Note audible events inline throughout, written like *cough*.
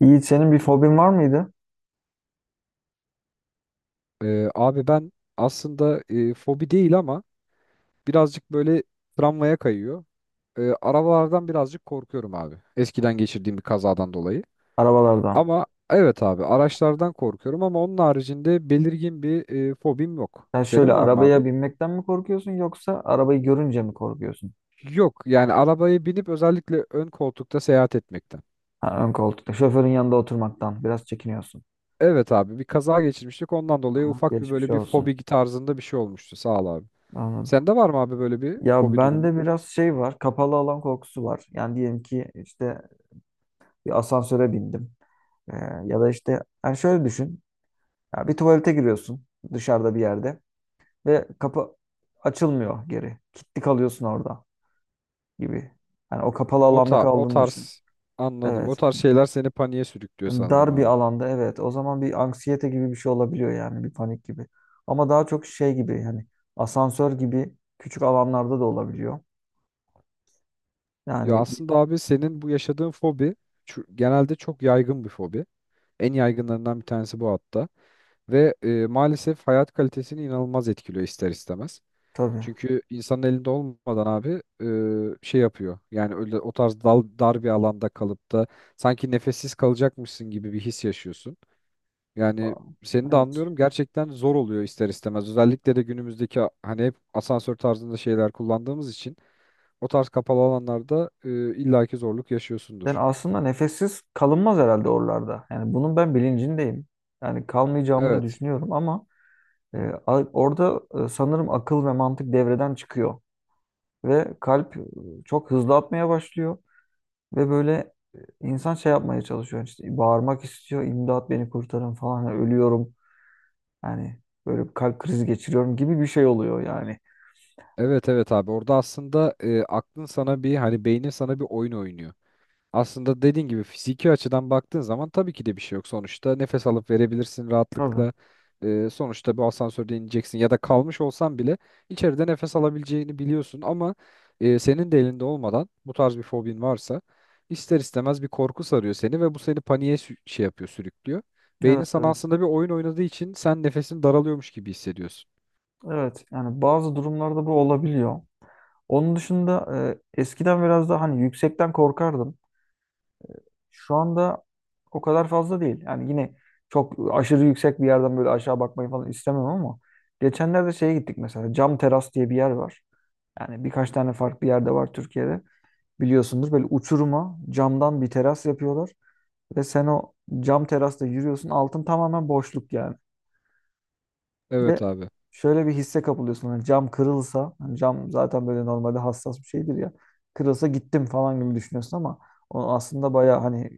Yiğit senin bir fobin var mıydı Abi ben aslında fobi değil ama birazcık böyle tramvaya kayıyor. Arabalardan birazcık korkuyorum abi. Eskiden geçirdiğim bir kazadan dolayı. arabalardan? Ama evet abi araçlardan korkuyorum ama onun haricinde belirgin bir fobim yok. Sen şöyle Senin var mı abi? arabaya binmekten mi korkuyorsun yoksa arabayı görünce mi korkuyorsun? Yok yani arabaya binip özellikle ön koltukta seyahat etmekten. Ha, ön koltukta şoförün yanında oturmaktan biraz çekiniyorsun. Evet abi bir kaza geçirmiştik ondan dolayı Aha. ufak bir Geçmiş böyle bir fobi olsun. tarzında bir şey olmuştu sağ ol abi. Anladım. Sende var mı abi böyle bir Ya fobi durumu? bende biraz şey var, kapalı alan korkusu var. Yani diyelim ki işte bir asansöre bindim. Ee, ya da işte yani şöyle düşün. Ya bir tuvalete giriyorsun dışarıda bir yerde ve kapı açılmıyor geri. Kilitli kalıyorsun orada gibi. Yani o kapalı alanda O kaldığını düşün. tarz anladım. O Evet. tarz şeyler seni paniğe sürüklüyor sanırım Dar bir abi. alanda, evet. O zaman bir anksiyete gibi bir şey olabiliyor, yani bir panik gibi. Ama daha çok şey gibi, yani asansör gibi küçük alanlarda da olabiliyor. Ya Yani aslında abi senin bu yaşadığın fobi genelde çok yaygın bir fobi. En yaygınlarından bir tanesi bu hatta. Ve maalesef hayat kalitesini inanılmaz etkiliyor ister istemez. tabii. Çünkü insanın elinde olmadan abi şey yapıyor. Yani öyle o tarz dar bir alanda kalıp da sanki nefessiz kalacakmışsın gibi bir his yaşıyorsun. Yani seni de Evet. anlıyorum. Gerçekten zor oluyor ister istemez. Özellikle de günümüzdeki hani hep asansör tarzında şeyler kullandığımız için o tarz kapalı alanlarda illaki zorluk Yani yaşıyorsundur. aslında nefessiz kalınmaz herhalde oralarda. Yani bunun ben bilincindeyim. Yani kalmayacağımı da Evet. düşünüyorum ama e, orada, sanırım akıl ve mantık devreden çıkıyor. Ve kalp çok hızlı atmaya başlıyor. Ve böyle insan şey yapmaya çalışıyor, işte bağırmak istiyor, imdat beni kurtarın falan, ölüyorum yani, böyle bir kalp krizi geçiriyorum gibi bir şey oluyor yani. Evet evet abi. Orada aslında e, aklın sana bir hani beynin sana bir oyun oynuyor. Aslında dediğin gibi fiziki açıdan baktığın zaman tabii ki de bir şey yok. Sonuçta nefes alıp verebilirsin Tabii. rahatlıkla. Sonuçta bir asansörde ineceksin ya da kalmış olsan bile içeride nefes alabileceğini biliyorsun ama senin de elinde olmadan bu tarz bir fobin varsa ister istemez bir korku sarıyor seni ve bu seni şey yapıyor, sürüklüyor. Beynin Evet, sana evet. aslında bir oyun oynadığı için sen nefesin daralıyormuş gibi hissediyorsun. Evet, yani bazı durumlarda bu olabiliyor. Onun dışında, eskiden biraz daha hani yüksekten korkardım. Şu anda o kadar fazla değil. Yani yine çok aşırı yüksek bir yerden böyle aşağı bakmayı falan istemem ama geçenlerde şeye gittik, mesela Cam Teras diye bir yer var. Yani birkaç tane farklı yerde var Türkiye'de. Biliyorsundur, böyle uçuruma camdan bir teras yapıyorlar ve sen o cam terasta yürüyorsun, altın tamamen boşluk yani. Ve Evet abi. şöyle bir hisse kapılıyorsun, hani cam kırılsa, hani cam zaten böyle normalde hassas bir şeydir ya, kırılsa gittim falan gibi düşünüyorsun ama o aslında baya hani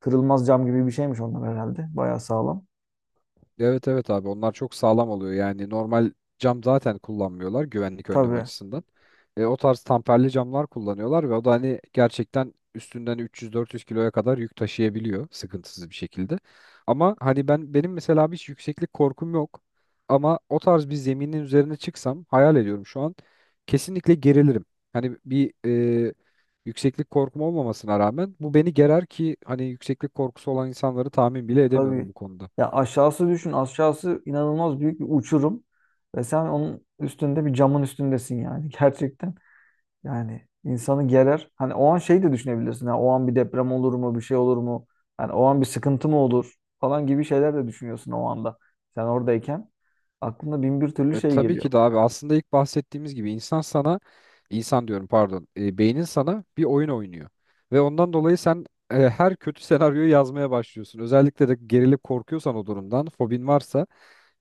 kırılmaz cam gibi bir şeymiş onlar herhalde, baya sağlam. Evet evet abi onlar çok sağlam oluyor. Yani normal cam zaten kullanmıyorlar güvenlik önlemi Tabii. açısından. O tarz tamperli camlar kullanıyorlar ve o da hani gerçekten üstünden 300-400 kiloya kadar yük taşıyabiliyor sıkıntısız bir şekilde. Ama benim mesela abi hiç yükseklik korkum yok. Ama o tarz bir zeminin üzerine çıksam hayal ediyorum şu an kesinlikle gerilirim. Hani bir e, yükseklik korkum olmamasına rağmen bu beni gerer ki hani yükseklik korkusu olan insanları tahmin bile edemiyorum Tabii, bu konuda. ya aşağısı düşün, aşağısı inanılmaz büyük bir uçurum ve sen onun üstünde, bir camın üstündesin yani *laughs* gerçekten. Yani insanı gerer. Hani o an şey de düşünebilirsin. Ha, o an bir deprem olur mu, bir şey olur mu? Hani o an bir sıkıntı mı olur falan gibi şeyler de düşünüyorsun o anda. Sen oradayken aklına bin bir türlü şey Tabii geliyor. ki de abi aslında ilk bahsettiğimiz gibi insan sana insan diyorum pardon beynin sana bir oyun oynuyor ve ondan dolayı sen her kötü senaryoyu yazmaya başlıyorsun. Özellikle de gerilip korkuyorsan o durumdan fobin varsa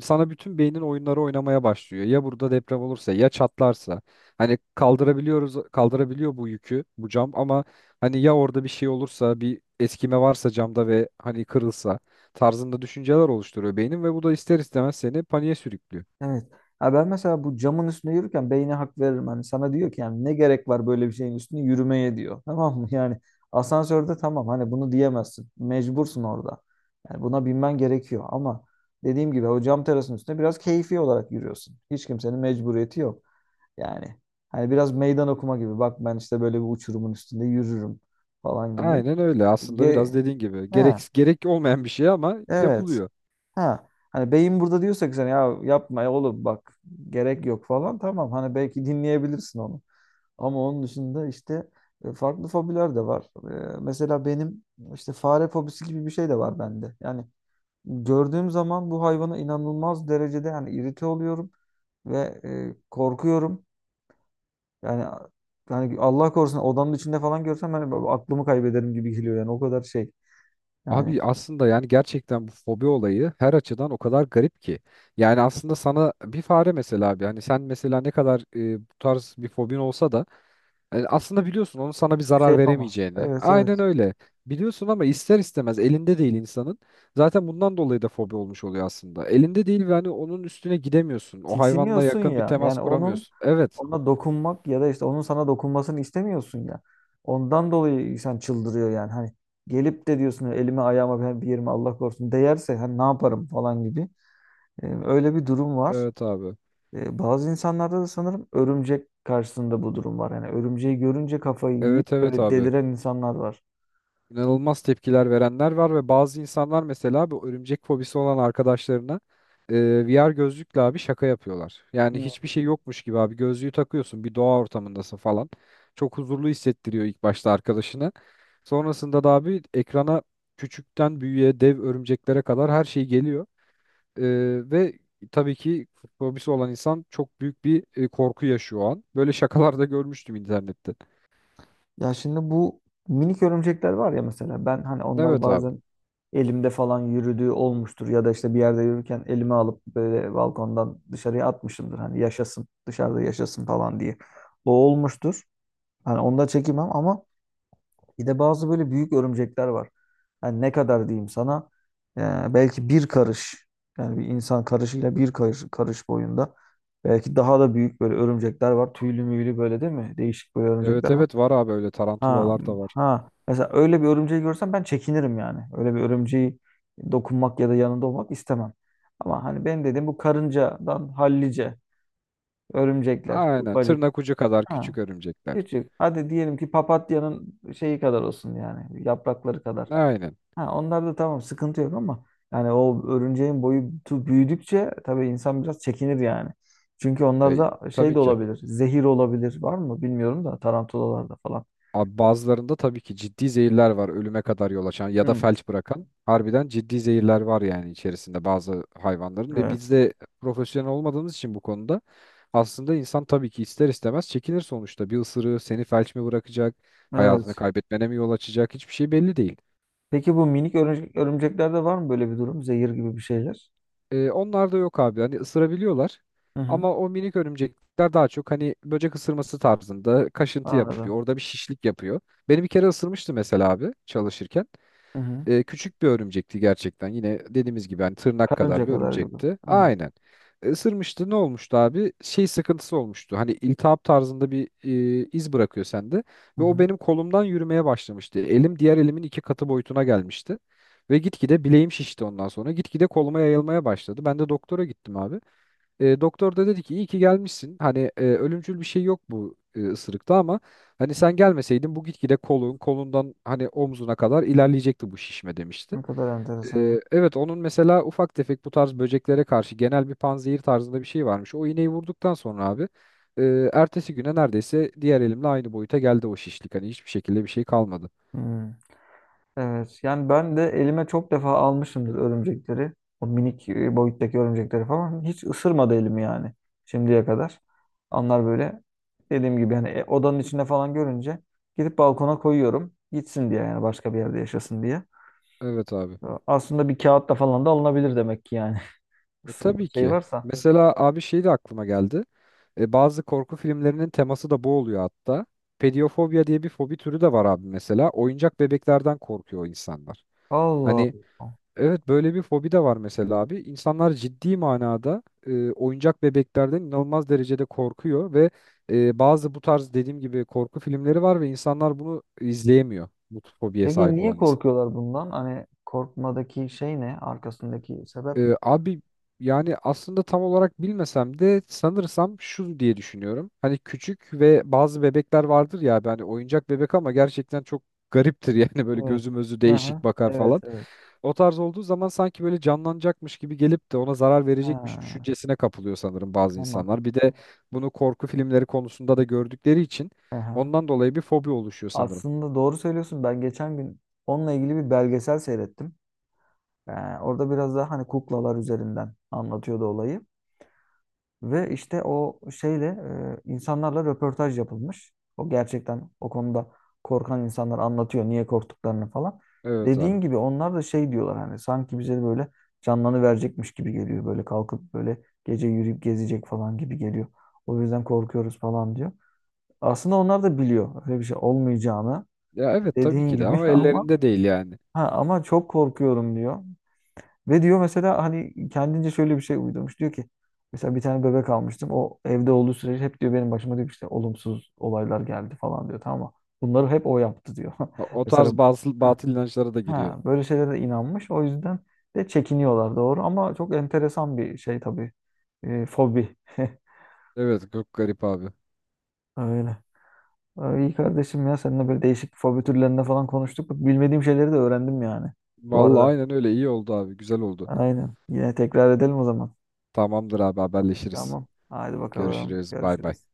sana bütün beynin oyunları oynamaya başlıyor. Ya burada deprem olursa ya çatlarsa hani kaldırabiliyor bu yükü bu cam ama hani ya orada bir şey olursa bir eskime varsa camda ve hani kırılsa tarzında düşünceler oluşturuyor beynin ve bu da ister istemez seni paniğe sürüklüyor. Evet. Ha, ben mesela bu camın üstünde yürürken beyne hak veririm. Hani sana diyor ki yani ne gerek var böyle bir şeyin üstünde yürümeye diyor. *laughs* Tamam mı? Yani asansörde tamam, hani bunu diyemezsin. Mecbursun orada. Yani buna binmen gerekiyor ama dediğim gibi o cam terasının üstünde biraz keyfi olarak yürüyorsun. Hiç kimsenin mecburiyeti yok. Yani hani biraz meydan okuma gibi. Bak ben işte böyle bir uçurumun üstünde yürürüm falan gibi. Aynen öyle. Aslında Ge biraz dediğin gibi ha, gerek olmayan bir şey ama evet. yapılıyor. Ha. Hani beyin burada diyorsa ki sen ya yapma, ya oğlum bak gerek yok falan, tamam. Hani belki dinleyebilirsin onu. Ama onun dışında işte farklı fobiler de var. Mesela benim işte fare fobisi gibi bir şey de var bende. Yani gördüğüm zaman bu hayvana inanılmaz derecede yani irite oluyorum ve korkuyorum. Yani yani Allah korusun odanın içinde falan görsem ben aklımı kaybederim gibi geliyor yani, o kadar şey. Yani Abi aslında yani gerçekten bu fobi olayı her açıdan o kadar garip ki. Yani aslında sana bir fare mesela abi hani sen mesela ne kadar bu tarz bir fobin olsa da aslında biliyorsun onun sana bir hiçbir şey zarar yapamaz. veremeyeceğini. Evet, Aynen evet. öyle. Biliyorsun ama ister istemez elinde değil insanın. Zaten bundan dolayı da fobi olmuş oluyor aslında. Elinde değil ve hani onun üstüne gidemiyorsun. O hayvanla Tiksiniyorsun yakın bir ya. temas Yani onun, kuramıyorsun. Evet. ona dokunmak ya da işte onun sana dokunmasını istemiyorsun ya. Ondan dolayı insan çıldırıyor yani. Hani gelip de diyorsun elime ayağıma ben bir yerime Allah korusun değerse hani ne yaparım falan gibi. Öyle bir durum var. Evet abi. Bazı insanlarda da sanırım örümcek karşısında bu durum var. Yani örümceği görünce kafayı yiyip Evet evet böyle abi, deliren insanlar var. inanılmaz tepkiler verenler var ve bazı insanlar mesela bu örümcek fobisi olan arkadaşlarına VR gözlükle abi şaka yapıyorlar. Yani Hmm. hiçbir şey yokmuş gibi abi gözlüğü takıyorsun bir doğa ortamındasın falan. Çok huzurlu hissettiriyor ilk başta arkadaşına. Sonrasında da abi ekrana küçükten büyüğe dev örümceklere kadar her şey geliyor. E, ve tabii ki fobisi olan insan çok büyük bir korku yaşıyor o an. Böyle şakalar da görmüştüm internette. Ya şimdi bu minik örümcekler var ya, mesela ben hani onlar Evet abi. bazen elimde falan yürüdüğü olmuştur ya da işte bir yerde yürürken elime alıp böyle balkondan dışarıya atmışımdır hani yaşasın dışarıda, yaşasın falan diye. O olmuştur. Hani onu da çekemem ama bir de bazı böyle büyük örümcekler var. Yani ne kadar diyeyim sana, belki bir karış, yani bir insan karışıyla bir karış, karış boyunda, belki daha da büyük böyle örümcekler var. Tüylü müylü böyle, değil mi? Değişik böyle Evet örümcekler var. evet var abi öyle Ha, tarantulalar da var. ha. Mesela öyle bir örümceği görsem ben çekinirim yani. Öyle bir örümceği dokunmak ya da yanında olmak istemem. Ama hani benim dediğim bu karıncadan hallice örümcekler, Aynen. ufacık. Tırnak ucu kadar Ha, küçük örümcekler. küçük. Hadi diyelim ki papatyanın şeyi kadar olsun, yani yaprakları kadar. Aynen. Ha, onlar da tamam sıkıntı yok ama yani o örümceğin boyutu büyüdükçe tabii insan biraz çekinir yani. Çünkü onlar E, da şey tabii de ki. olabilir. Zehir olabilir. Var mı bilmiyorum da tarantulalarda falan. Abi bazılarında tabii ki ciddi zehirler var ölüme kadar yol açan ya da Hı, felç bırakan. Harbiden ciddi zehirler var yani içerisinde bazı hayvanların. E evet. biz de profesyonel olmadığımız için bu konuda aslında insan tabii ki ister istemez çekinir sonuçta. Bir ısırığı seni felç mi bırakacak, hayatını Evet. kaybetmene mi yol açacak hiçbir şey belli değil. Peki bu minik örümceklerde var mı böyle bir durum? Zehir gibi bir şeyler. Onlar da yok abi. Hani ısırabiliyorlar. Hı hı. Ama o minik örümcekler daha çok hani böcek ısırması tarzında kaşıntı yapıyor. Anladım. Orada bir şişlik yapıyor. Beni bir kere ısırmıştı mesela abi çalışırken. Hı hı. Küçük bir örümcekti gerçekten. Yine dediğimiz gibi hani tırnak kadar Karınca bir kadar gibi. örümcekti. Hı. Aynen. Isırmıştı. Ne olmuştu abi? Şey sıkıntısı olmuştu. Hani iltihap tarzında bir iz bırakıyor sende. Hı Ve hı. o benim kolumdan yürümeye başlamıştı. Elim diğer elimin iki katı boyutuna gelmişti. Ve gitgide bileğim şişti ondan sonra. Gitgide koluma yayılmaya başladı. Ben de doktora gittim abi. Doktor da dedi ki iyi ki gelmişsin. Hani ölümcül bir şey yok bu ısırıkta ama hani sen gelmeseydin bu gitgide kolundan hani omzuna kadar ilerleyecekti bu şişme demişti. Ne kadar enteresan. Evet onun mesela ufak tefek bu tarz böceklere karşı genel bir panzehir tarzında bir şey varmış. O iğneyi vurduktan sonra abi ertesi güne neredeyse diğer elimle aynı boyuta geldi o şişlik. Hani hiçbir şekilde bir şey kalmadı. Hı. Evet. Yani ben de elime çok defa almışımdır örümcekleri. O minik boyuttaki örümcekleri falan. Hiç ısırmadı elimi yani şimdiye kadar. Onlar böyle dediğim gibi yani, odanın içinde falan görünce gidip balkona koyuyorum. Gitsin diye yani, başka bir yerde yaşasın diye. Evet abi. Aslında bir kağıtla falan da alınabilir demek ki yani. *laughs* Isırma Tabii şey ki. varsa. Mesela abi şey de aklıma geldi. Bazı korku filmlerinin teması da bu oluyor hatta. Pedofobia diye bir fobi türü de var abi mesela. Oyuncak bebeklerden korkuyor insanlar. Allah Hani Allah. evet böyle bir fobi de var mesela abi. İnsanlar ciddi manada oyuncak bebeklerden inanılmaz derecede korkuyor ve bazı bu tarz dediğim gibi korku filmleri var ve insanlar bunu izleyemiyor. Bu fobiye Peki sahip niye olan. korkuyorlar bundan? Hani korkmadaki şey ne? Arkasındaki sebep ne? Abi yani aslında tam olarak bilmesem de sanırsam şu diye düşünüyorum. Hani küçük ve bazı bebekler vardır ya abi, hani oyuncak bebek ama gerçekten çok gariptir *laughs* yani böyle Evet. gözü mözü Hı hı. değişik bakar Evet, falan. evet. O tarz olduğu zaman sanki böyle canlanacakmış gibi gelip de ona zarar verecekmiş Ha, düşüncesine kapılıyor sanırım bazı tamam. insanlar. Bir de bunu korku filmleri konusunda da gördükleri için Hı hı. ondan dolayı bir fobi oluşuyor sanırım. Aslında doğru söylüyorsun. Ben geçen gün onunla ilgili bir belgesel seyrettim. Ee, Orada biraz daha hani kuklalar üzerinden anlatıyordu olayı. Ve işte o şeyle insanlarla röportaj yapılmış. O gerçekten o konuda korkan insanlar anlatıyor niye korktuklarını falan. Evet abi. Dediğin gibi onlar da şey diyorlar, hani sanki bize de böyle canlarını verecekmiş gibi geliyor. Böyle kalkıp böyle gece yürüyüp gezecek falan gibi geliyor. O yüzden korkuyoruz falan diyor. Aslında onlar da biliyor öyle bir şey olmayacağını, Ya evet tabii dediğin ki de gibi, *laughs* ama ama ellerinde değil yani. ha, ama çok korkuyorum diyor. Ve diyor mesela hani kendince şöyle bir şey uydurmuş. Diyor ki mesela bir tane bebek almıştım. O evde olduğu sürece hep diyor benim başıma diyor ki işte olumsuz olaylar geldi falan diyor. Tamam mı? Bunları hep o yaptı diyor. O *laughs* o Mesela tarz bazı ha, batıl inançlara da giriyor. ha, böyle şeylere de inanmış. O yüzden de çekiniyorlar, doğru, ama çok enteresan bir şey tabii. Fobi. *laughs* Evet çok garip abi. Öyle. Ay, İyi kardeşim ya, seninle böyle değişik fobi türlerinde falan konuştuk. Bak, bilmediğim şeyleri de öğrendim yani bu Vallahi arada. aynen öyle iyi oldu abi güzel oldu. Aynen. Yine tekrar edelim o zaman. Tamamdır abi haberleşiriz. Tamam. Haydi bakalım. Görüşürüz bay bay. Görüşürüz.